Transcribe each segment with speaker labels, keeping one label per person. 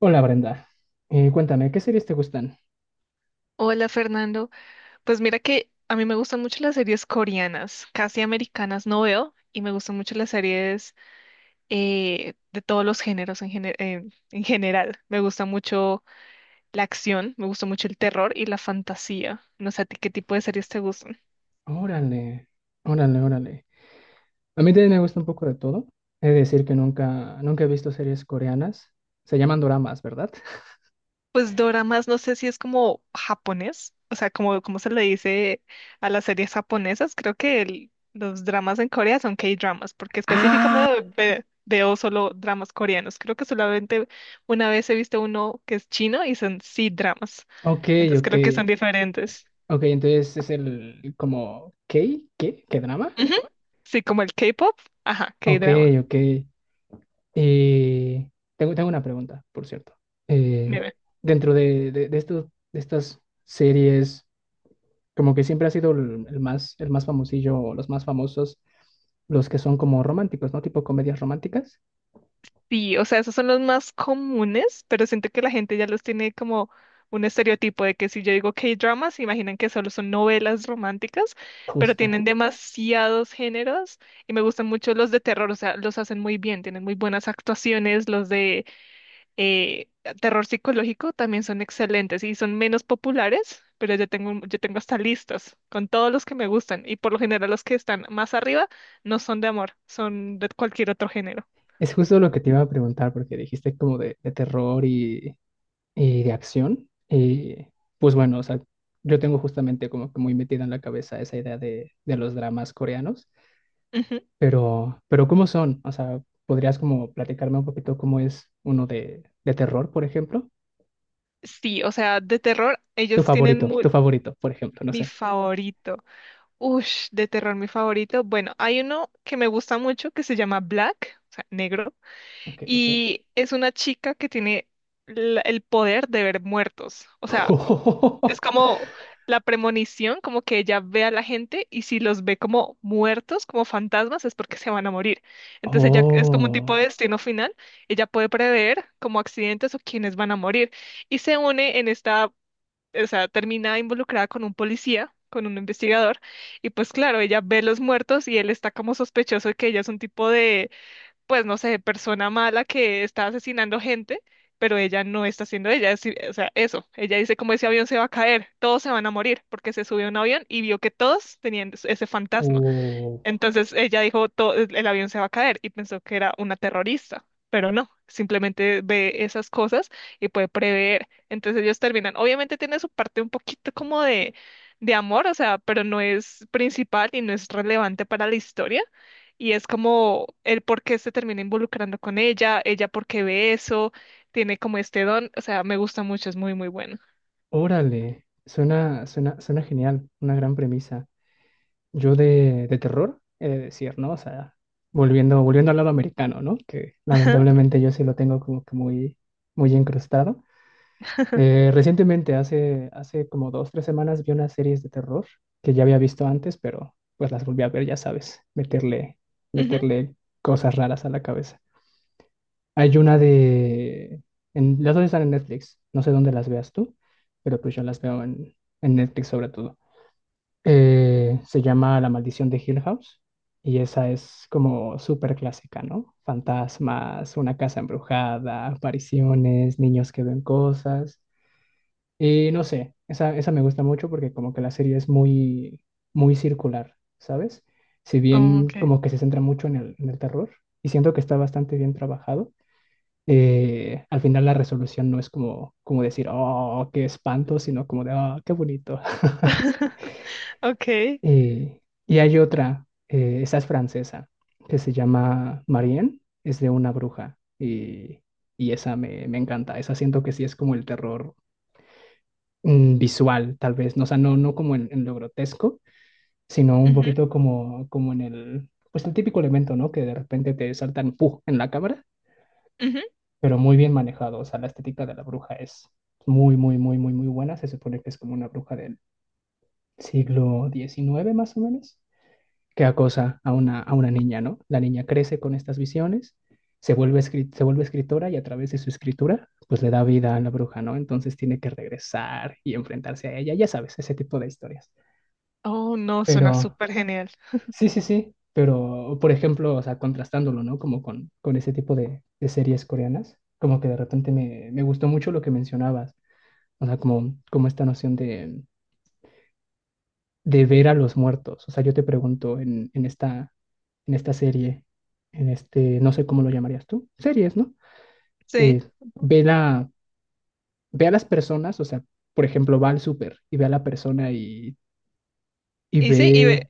Speaker 1: Hola Brenda. Cuéntame, ¿qué series te gustan?
Speaker 2: Hola Fernando, pues mira que a mí me gustan mucho las series coreanas, casi americanas no veo y me gustan mucho las series de todos los géneros en general. Me gusta mucho la acción, me gusta mucho el terror y la fantasía. No sé a ti qué tipo de series te gustan.
Speaker 1: Órale, órale, órale. A mí también me gusta un poco de todo. He de decir que nunca, nunca he visto series coreanas. Se llaman doramas, ¿verdad?
Speaker 2: Pues doramas, no sé si es como japonés, o sea, como se le dice a las series japonesas, creo que los dramas en Corea son K-dramas, porque específicamente veo solo dramas coreanos. Creo que solamente una vez he visto uno que es chino y son C-dramas,
Speaker 1: Ok,
Speaker 2: entonces
Speaker 1: ok.
Speaker 2: creo que son diferentes.
Speaker 1: Ok, entonces es el como ¿Qué drama?
Speaker 2: Ujú. Sí, como el K-pop, ajá,
Speaker 1: Ok,
Speaker 2: K-drama.
Speaker 1: ok. Y tengo una pregunta, por cierto. Eh, dentro de estos, de estas series, como que siempre ha sido el más famosillo, o los más famosos, los que son como románticos, ¿no? Tipo comedias románticas.
Speaker 2: Sí, o sea, esos son los más comunes, pero siento que la gente ya los tiene como un estereotipo de que si yo digo K-dramas, se imaginan que solo son novelas románticas, pero
Speaker 1: Justo.
Speaker 2: tienen demasiados géneros y me gustan mucho los de terror, o sea, los hacen muy bien, tienen muy buenas actuaciones, los de eh, terror psicológico también son excelentes y son menos populares, pero yo tengo hasta listas con todos los que me gustan y por lo general los que están más arriba no son de amor, son de cualquier otro género.
Speaker 1: Es justo lo que te iba a preguntar, porque dijiste como de terror y de acción. Y pues bueno, o sea, yo tengo justamente como que muy metida en la cabeza esa idea de los dramas coreanos, pero ¿cómo son? O sea, ¿podrías como platicarme un poquito cómo es uno de terror, por ejemplo?
Speaker 2: Sí, o sea, de terror, ellos tienen
Speaker 1: Tu favorito, por ejemplo, no
Speaker 2: mi
Speaker 1: sé.
Speaker 2: favorito. Ush, de terror, mi favorito. Bueno, hay uno que me gusta mucho que se llama Black, o sea, negro,
Speaker 1: Ok, ok.
Speaker 2: y es una chica que tiene el poder de ver muertos. O sea, es como la premonición, como que ella ve a la gente y si los ve como muertos, como fantasmas, es porque se van a morir.
Speaker 1: Oh,
Speaker 2: Entonces ella es como un tipo de
Speaker 1: oh,
Speaker 2: destino final. Ella puede prever como accidentes o quienes van a morir. Y se une en esta, o sea, termina involucrada con un policía, con un investigador, y pues claro, ella ve los muertos y él está como sospechoso de que ella es un tipo de, pues no sé, persona mala que está asesinando gente, pero ella no está haciendo ella, o sea, eso, ella dice como ese avión se va a caer, todos se van a morir porque se subió a un avión y vio que todos tenían ese fantasma.
Speaker 1: oh,
Speaker 2: Entonces ella dijo, "El avión se va a caer" y pensó que era una terrorista, pero no, simplemente ve esas cosas y puede prever. Entonces ellos terminan, obviamente tiene su parte un poquito como de, amor, o sea, pero no es principal y no es relevante para la historia. Y es como el por qué se termina involucrando con ella, ella por qué ve eso, tiene como este don, o sea, me gusta mucho, es muy, muy bueno.
Speaker 1: órale, suena genial, una gran premisa. Yo de terror, he de decir, ¿no? O sea, volviendo al lado americano, ¿no? Que lamentablemente yo sí lo tengo como que muy, muy incrustado. Recientemente, hace como 2, 3 semanas, vi unas series de terror que ya había visto antes, pero pues las volví a ver, ya sabes, meterle,
Speaker 2: Ujú,
Speaker 1: meterle cosas raras a la cabeza. Hay una las dos están en Netflix. No sé dónde las veas tú, pero pues yo las veo en, Netflix sobre todo. Se llama La Maldición de Hill House y esa es como súper clásica, ¿no? Fantasmas, una casa embrujada, apariciones, niños que ven cosas. Y no sé, esa me gusta mucho porque como que la serie es muy, muy circular, ¿sabes? Si
Speaker 2: oh,
Speaker 1: bien
Speaker 2: ok.
Speaker 1: como que se centra mucho en el, terror y siento que está bastante bien trabajado. Al final la resolución no es como decir, oh, qué espanto, sino como de, oh, qué bonito.
Speaker 2: Ok.
Speaker 1: Eh, y hay otra, esa es francesa, que se llama Marianne, es de una bruja y esa me encanta, esa siento que sí es como el terror visual, tal vez, no, o sea, no como en lo grotesco, sino un
Speaker 2: Ujú,
Speaker 1: poquito como, pues el típico elemento, ¿no? Que de repente te saltan, ¡puf!, en la cámara,
Speaker 2: ujú.
Speaker 1: pero muy bien manejado. O sea, la estética de la bruja es muy, muy, muy, muy, muy buena. Se supone que es como una bruja del siglo XIX más o menos, que acosa a una, niña, ¿no? La niña crece con estas visiones, se vuelve escritora y a través de su escritura, pues le da vida a la bruja, ¿no? Entonces tiene que regresar y enfrentarse a ella, ya sabes, ese tipo de historias.
Speaker 2: Oh, no, suena
Speaker 1: Pero
Speaker 2: súper genial.
Speaker 1: sí, sí, sí. Pero, por ejemplo, o sea, contrastándolo, ¿no? Como con ese tipo de series coreanas, como que de repente me gustó mucho lo que mencionabas. O sea, como, esta noción de ver a los muertos. O sea, yo te pregunto en, en esta serie, en este, no sé cómo lo llamarías tú, series, ¿no?
Speaker 2: Sí.
Speaker 1: Eh,
Speaker 2: Ujú.
Speaker 1: ve la, ve a las personas, o sea, por ejemplo, va al súper y ve a la persona y
Speaker 2: Y sí,
Speaker 1: ve...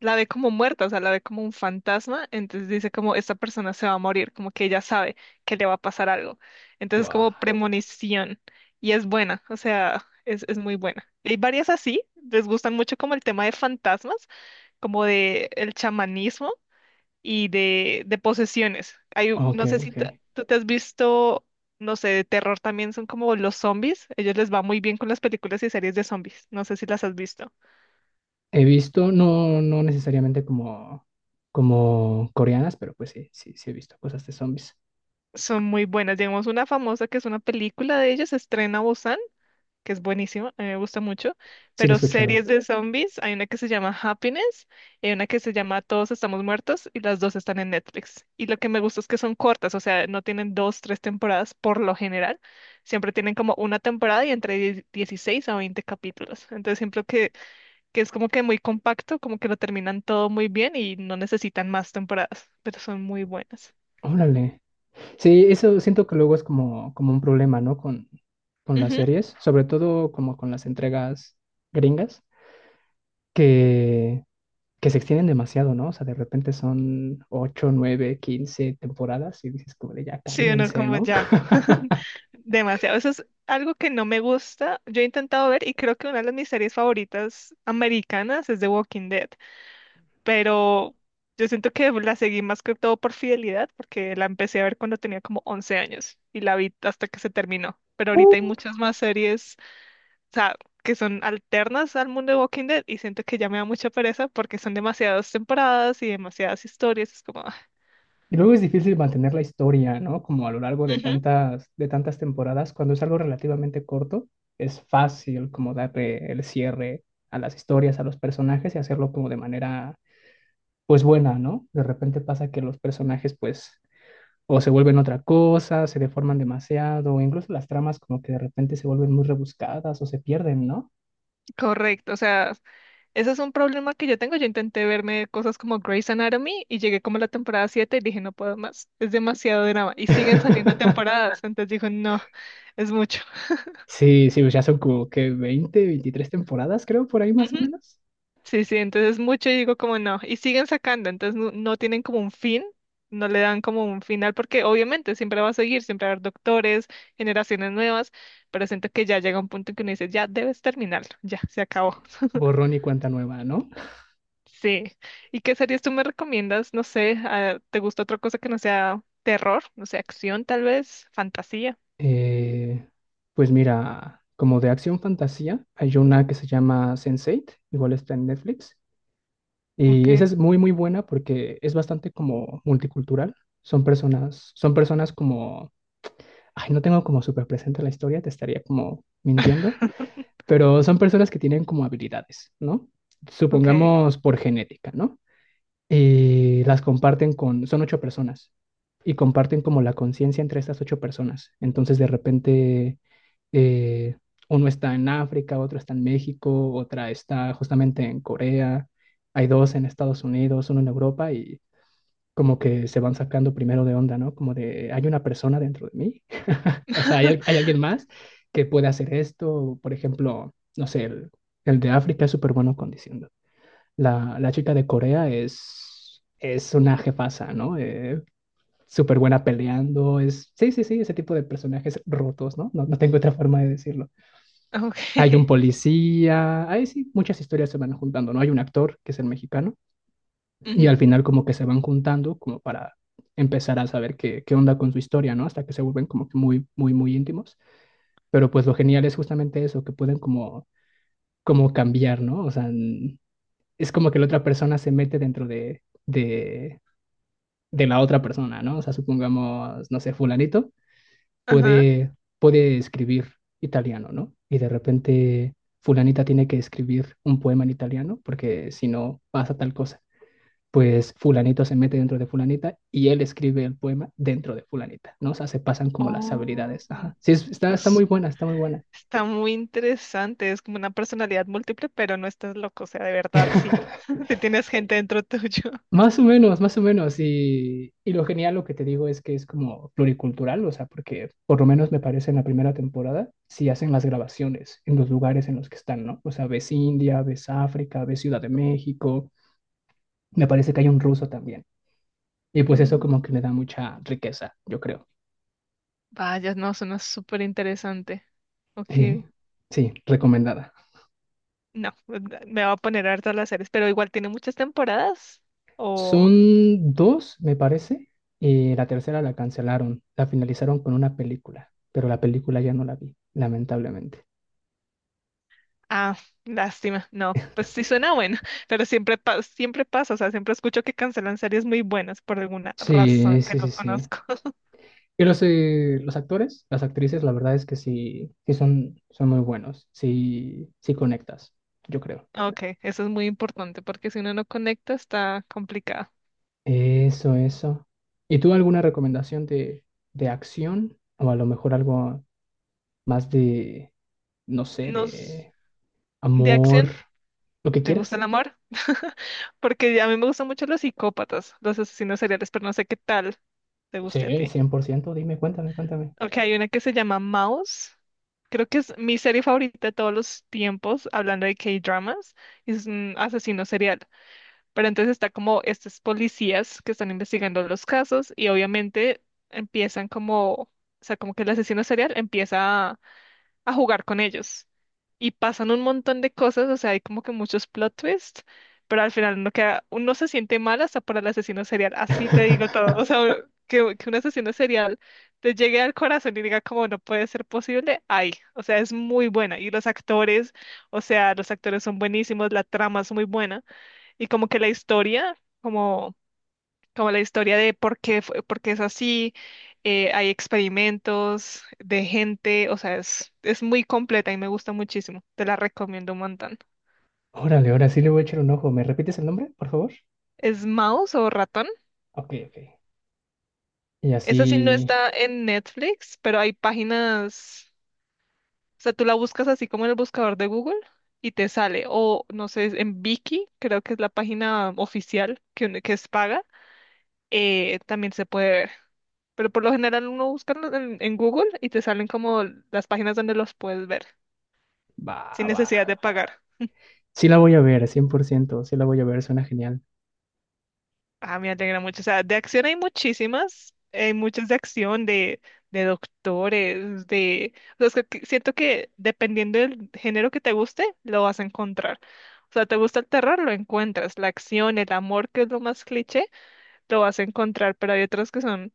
Speaker 2: la ve como muerta, o sea, la ve como un fantasma, entonces dice como esta persona se va a morir, como que ella sabe que le va a pasar algo. Entonces
Speaker 1: Wow.
Speaker 2: como premonición y es buena, o sea, es muy buena. Hay varias así, les gustan mucho como el tema de fantasmas, como de el chamanismo y de posesiones. Hay,
Speaker 1: Ok,
Speaker 2: no sé si t-
Speaker 1: ok.
Speaker 2: tú te has visto, no sé, de terror también son como los zombies. Ellos les va muy bien con las películas y series de zombies. No sé si las has visto.
Speaker 1: He visto, no necesariamente como, coreanas, pero pues sí, sí, sí he visto cosas de zombies.
Speaker 2: Son muy buenas. Digamos, una famosa que es una película de ellos, se estrena, que es buenísima, a mí me gusta mucho,
Speaker 1: Sí la he
Speaker 2: pero
Speaker 1: escuchado.
Speaker 2: series de zombies, hay una que se llama Happiness y hay una que se llama Todos estamos muertos y las dos están en Netflix. Y lo que me gusta es que son cortas, o sea, no tienen dos, tres temporadas por lo general, siempre tienen como una temporada y entre 16 a 20 capítulos. Entonces siempre que es como que muy compacto, como que lo terminan todo muy bien y no necesitan más temporadas, pero son muy buenas.
Speaker 1: Órale. Sí, eso siento que luego es como un problema, ¿no? Con las series, sobre todo como con las entregas gringas, que, que se extienden demasiado, ¿no? O sea, de repente son 8, 9, 15 temporadas y dices como de ya
Speaker 2: Sí, uno
Speaker 1: cálmense,
Speaker 2: como
Speaker 1: ¿no?
Speaker 2: ya, demasiado. Eso es algo que no me gusta. Yo he intentado ver y creo que una de mis series favoritas americanas es The Walking Dead, pero yo siento que la seguí más que todo por fidelidad, porque la empecé a ver cuando tenía como 11 años y la vi hasta que se terminó. Pero ahorita hay muchas más series, o sea, que son alternas al mundo de Walking Dead y siento que ya me da mucha pereza porque son demasiadas temporadas y demasiadas historias. Es como, ah.
Speaker 1: Y luego es difícil mantener la historia, ¿no? Como a lo largo de
Speaker 2: Ujú.
Speaker 1: tantas, de tantas temporadas, cuando es algo relativamente corto, es fácil como darle el cierre a las historias, a los personajes y hacerlo como de manera pues buena, ¿no? De repente pasa que los personajes pues o se vuelven otra cosa, se deforman demasiado, o incluso las tramas como que de repente se vuelven muy rebuscadas o se pierden, ¿no?
Speaker 2: Correcto. O sea, ese es un problema que yo tengo. Yo intenté verme cosas como Grey's Anatomy y llegué como a la temporada 7 y dije, no puedo más, es demasiado drama. Y siguen saliendo temporadas, entonces digo, no, es mucho.
Speaker 1: Sí, sí, pues ya son como que 20, 23 temporadas, creo, por ahí más
Speaker 2: Ujú.
Speaker 1: o menos.
Speaker 2: Sí, sí, entonces es mucho y digo como no. Y siguen sacando, entonces no, no tienen como un fin, no le dan como un final, porque obviamente siempre va a seguir, siempre va a haber doctores, generaciones nuevas, pero siento que ya llega un punto en que uno dice, ya debes terminarlo, ya se
Speaker 1: Sí.
Speaker 2: acabó.
Speaker 1: Borrón y cuenta nueva, ¿no?
Speaker 2: Sí. ¿Y qué series tú me recomiendas? No sé, ah, ¿te gusta otra cosa que no sea terror? No sé, acción tal vez, fantasía.
Speaker 1: Eh, pues mira, como de acción fantasía, hay una que se llama Sense8, igual está en Netflix. Y esa
Speaker 2: Okay.
Speaker 1: es muy, muy buena porque es bastante como multicultural. Son personas como, ay, no tengo como súper presente la historia, te estaría como mintiendo, pero son personas que tienen como habilidades, ¿no?
Speaker 2: Okay.
Speaker 1: Supongamos por genética, ¿no? Y las comparten son ocho personas y comparten como la conciencia entre estas ocho personas. Entonces, de repente eh, uno está en África, otro está en México, otra está justamente en Corea, hay dos en Estados Unidos, uno en Europa y como que se van sacando primero de onda, ¿no? Como de, hay una persona dentro de mí, o sea, hay alguien más que puede hacer esto, por ejemplo, no sé, el, de África es súper bueno condiciendo. la, chica de Corea es una jefaza, ¿no? Súper buena peleando, sí, sí, sí, ese tipo de personajes rotos, ¿no? No, no tengo otra forma de decirlo. Hay un
Speaker 2: Okay.
Speaker 1: policía, ahí sí, muchas historias se van juntando, ¿no? Hay un actor que es el mexicano y al
Speaker 2: Ujú.
Speaker 1: final como que se van juntando como para empezar a saber qué, onda con su historia, ¿no? Hasta que se vuelven como que muy, muy, muy íntimos. Pero pues lo genial es justamente eso, que pueden como, cambiar, ¿no? O sea, es como que la otra persona se mete dentro de, la otra persona, ¿no? O sea, supongamos, no sé, fulanito
Speaker 2: Ajá.
Speaker 1: puede, puede escribir italiano, ¿no? Y de repente fulanita tiene que escribir un poema en italiano porque si no pasa tal cosa. Pues fulanito se mete dentro de fulanita y él escribe el poema dentro de fulanita, ¿no? O sea, se pasan como las
Speaker 2: Oh.
Speaker 1: habilidades. Ajá. Sí, está muy
Speaker 2: es-
Speaker 1: buena, está muy buena.
Speaker 2: Está muy interesante, es como una personalidad múltiple, pero no estás loco, o sea, de verdad sí, te tienes gente dentro tuyo.
Speaker 1: Más o menos, más o menos. Y lo genial, lo que te digo es que es como pluricultural, o sea, porque por lo menos me parece en la primera temporada, si hacen las grabaciones en los lugares en los que están, ¿no? O sea, ves India, ves África, ves Ciudad de México, me parece que hay un ruso también. Y pues eso
Speaker 2: Mm.
Speaker 1: como que le da mucha riqueza, yo creo.
Speaker 2: Vaya, no, suena súper interesante.
Speaker 1: Eh,
Speaker 2: Ok.
Speaker 1: sí, recomendada.
Speaker 2: No, me va a poner harto a las series, pero igual tiene muchas temporadas. O.
Speaker 1: Son dos, me parece, y la tercera la cancelaron, la finalizaron con una película, pero la película ya no la vi, lamentablemente.
Speaker 2: Ah, lástima. No, pues sí suena bueno, pero siempre, siempre pasa. O sea, siempre escucho que cancelan series muy buenas por alguna razón
Speaker 1: Sí,
Speaker 2: que
Speaker 1: sí,
Speaker 2: no
Speaker 1: sí, sí.
Speaker 2: conozco.
Speaker 1: Pero sí, los actores, las actrices, la verdad es que sí, sí son, muy buenos. Sí, sí conectas, yo creo.
Speaker 2: Ok, eso es muy importante porque si uno no conecta está complicado.
Speaker 1: Eso, eso. ¿Y tú alguna recomendación de acción? O a lo mejor algo más de, no sé,
Speaker 2: Nos.
Speaker 1: de
Speaker 2: De
Speaker 1: amor,
Speaker 2: acción,
Speaker 1: lo que
Speaker 2: ¿te gusta
Speaker 1: quieras.
Speaker 2: el amor? Porque a mí me gustan mucho los psicópatas, los asesinos seriales, pero no sé qué tal te guste a
Speaker 1: Sí,
Speaker 2: ti.
Speaker 1: 100%. Dime, cuéntame, cuéntame.
Speaker 2: Ok, hay una que se llama Mouse. Creo que es mi serie favorita de todos los tiempos, hablando de K-dramas, es un asesino serial. Pero entonces está como estos policías que están investigando los casos y obviamente empiezan como, o sea, como que el asesino serial empieza a jugar con ellos. Y pasan un montón de cosas, o sea, hay como que muchos plot twists, pero al final uno queda, uno se siente mal hasta para el asesino serial, así te digo todo. O sea, que un asesino serial te llegue al corazón y diga como no puede ser posible, ay, o sea, es muy buena. Y los actores, o sea, los actores son buenísimos, la trama es muy buena. Y como que la historia, como como la historia de por qué, por qué es así, hay experimentos de gente, o sea, es muy completa y me gusta muchísimo, te la recomiendo un montón.
Speaker 1: Órale, ahora sí le voy a echar un ojo. ¿Me repites el nombre, por favor?
Speaker 2: ¿Es mouse o ratón?
Speaker 1: Ok, ok. Y
Speaker 2: Esa sí no
Speaker 1: así
Speaker 2: está en Netflix, pero hay páginas, o sea, tú la buscas así como en el buscador de Google y te sale, o no sé, en Viki, creo que es la página oficial que es paga, también se puede ver. Pero por lo general uno busca en Google y te salen como las páginas donde los puedes ver,
Speaker 1: va,
Speaker 2: sin
Speaker 1: va.
Speaker 2: necesidad de pagar.
Speaker 1: Sí la voy a ver, 100%. Sí la voy a ver, suena genial.
Speaker 2: Ah, me alegra mucho. O sea, de acción hay muchísimas, hay muchas de acción, de doctores, o sea, es que siento que dependiendo del género que te guste, lo vas a encontrar. O sea, te gusta el terror, lo encuentras. La acción, el amor, que es lo más cliché, lo vas a encontrar. Pero hay otras que son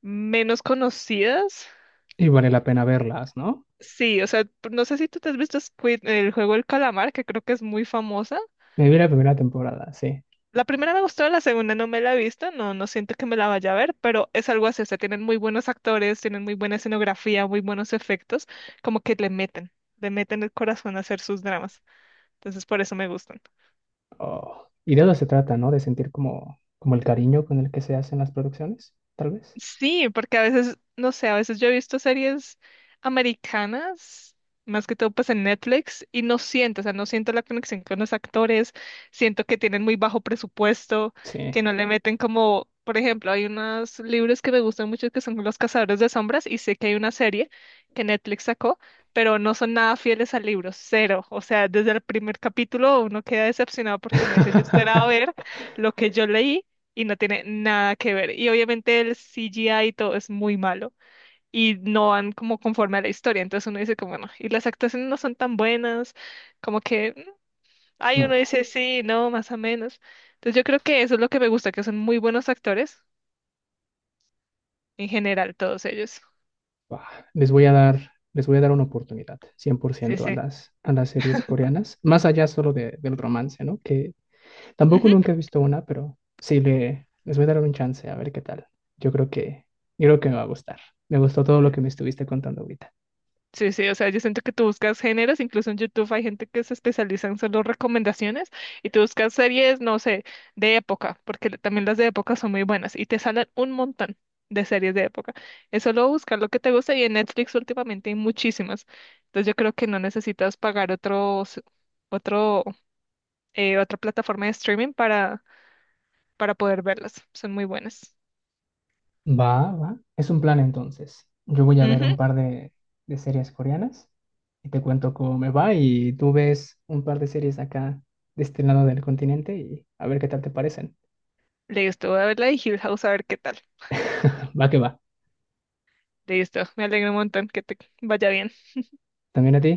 Speaker 2: menos conocidas.
Speaker 1: Y vale la pena verlas, ¿no?
Speaker 2: Sí, o sea, no sé si tú te has visto Squid, el juego El Calamar, que creo que es muy famosa.
Speaker 1: Me vi la primera temporada, sí.
Speaker 2: La primera me gustó, la segunda no me la he visto, no, no siento que me la vaya a ver, pero es algo así, o sea, tienen muy buenos actores, tienen muy buena escenografía, muy buenos efectos, como que le meten el corazón a hacer sus dramas. Entonces, por eso me gustan.
Speaker 1: Oh, y de eso se trata, ¿no? De sentir como, el cariño con el que se hacen las producciones, tal vez.
Speaker 2: Sí, porque a veces, no sé, a veces yo he visto series americanas, más que todo pues en Netflix, y no siento, o sea, no siento la conexión con los actores, siento que tienen muy bajo presupuesto,
Speaker 1: Sí.
Speaker 2: que no le meten como, por ejemplo, hay unos libros que me gustan mucho que son Los Cazadores de Sombras, y sé que hay una serie que Netflix sacó, pero no son nada fieles al libro, cero. O sea, desde el primer capítulo uno queda decepcionado porque uno dice, yo esperaba ver lo que yo leí y no tiene nada que ver. Y obviamente el CGI y todo es muy malo y no van como conforme a la historia. Entonces uno dice como, bueno, y las actuaciones no son tan buenas, como que, ay,
Speaker 1: No,
Speaker 2: uno dice sí, no, más o menos. Entonces yo creo que eso es lo que me gusta, que son muy buenos actores en general, todos ellos.
Speaker 1: bah, les voy a dar, una oportunidad, cien por
Speaker 2: Sí,
Speaker 1: ciento, a
Speaker 2: sí.
Speaker 1: las, a las series coreanas, más allá solo del romance, ¿no? Que tampoco
Speaker 2: Ujú.
Speaker 1: nunca he visto una, pero sí les voy a dar un chance a ver qué tal. Yo creo que, yo creo que me va a gustar. Me gustó todo lo que me estuviste contando ahorita.
Speaker 2: Sí, sí, o sea, yo siento que tú buscas géneros, incluso en YouTube hay gente que se especializa en solo recomendaciones y tú buscas series, no sé, de época, porque también las de época son muy buenas y te salen un montón de series de época. Es solo buscar lo que te gusta y en Netflix últimamente hay muchísimas. Entonces yo creo que no necesitas pagar otros, otro, otra plataforma de streaming para poder verlas. Son muy buenas.
Speaker 1: Va, va. Es un plan entonces. Yo voy a ver
Speaker 2: Ujú.
Speaker 1: un par de series coreanas y te cuento cómo me va y tú ves un par de series acá de este lado del continente y a ver qué tal te parecen.
Speaker 2: Listo, voy a ver la de Hill House a ver qué tal.
Speaker 1: Va que va.
Speaker 2: Listo, me alegro un montón que te vaya bien.
Speaker 1: ¿También a ti?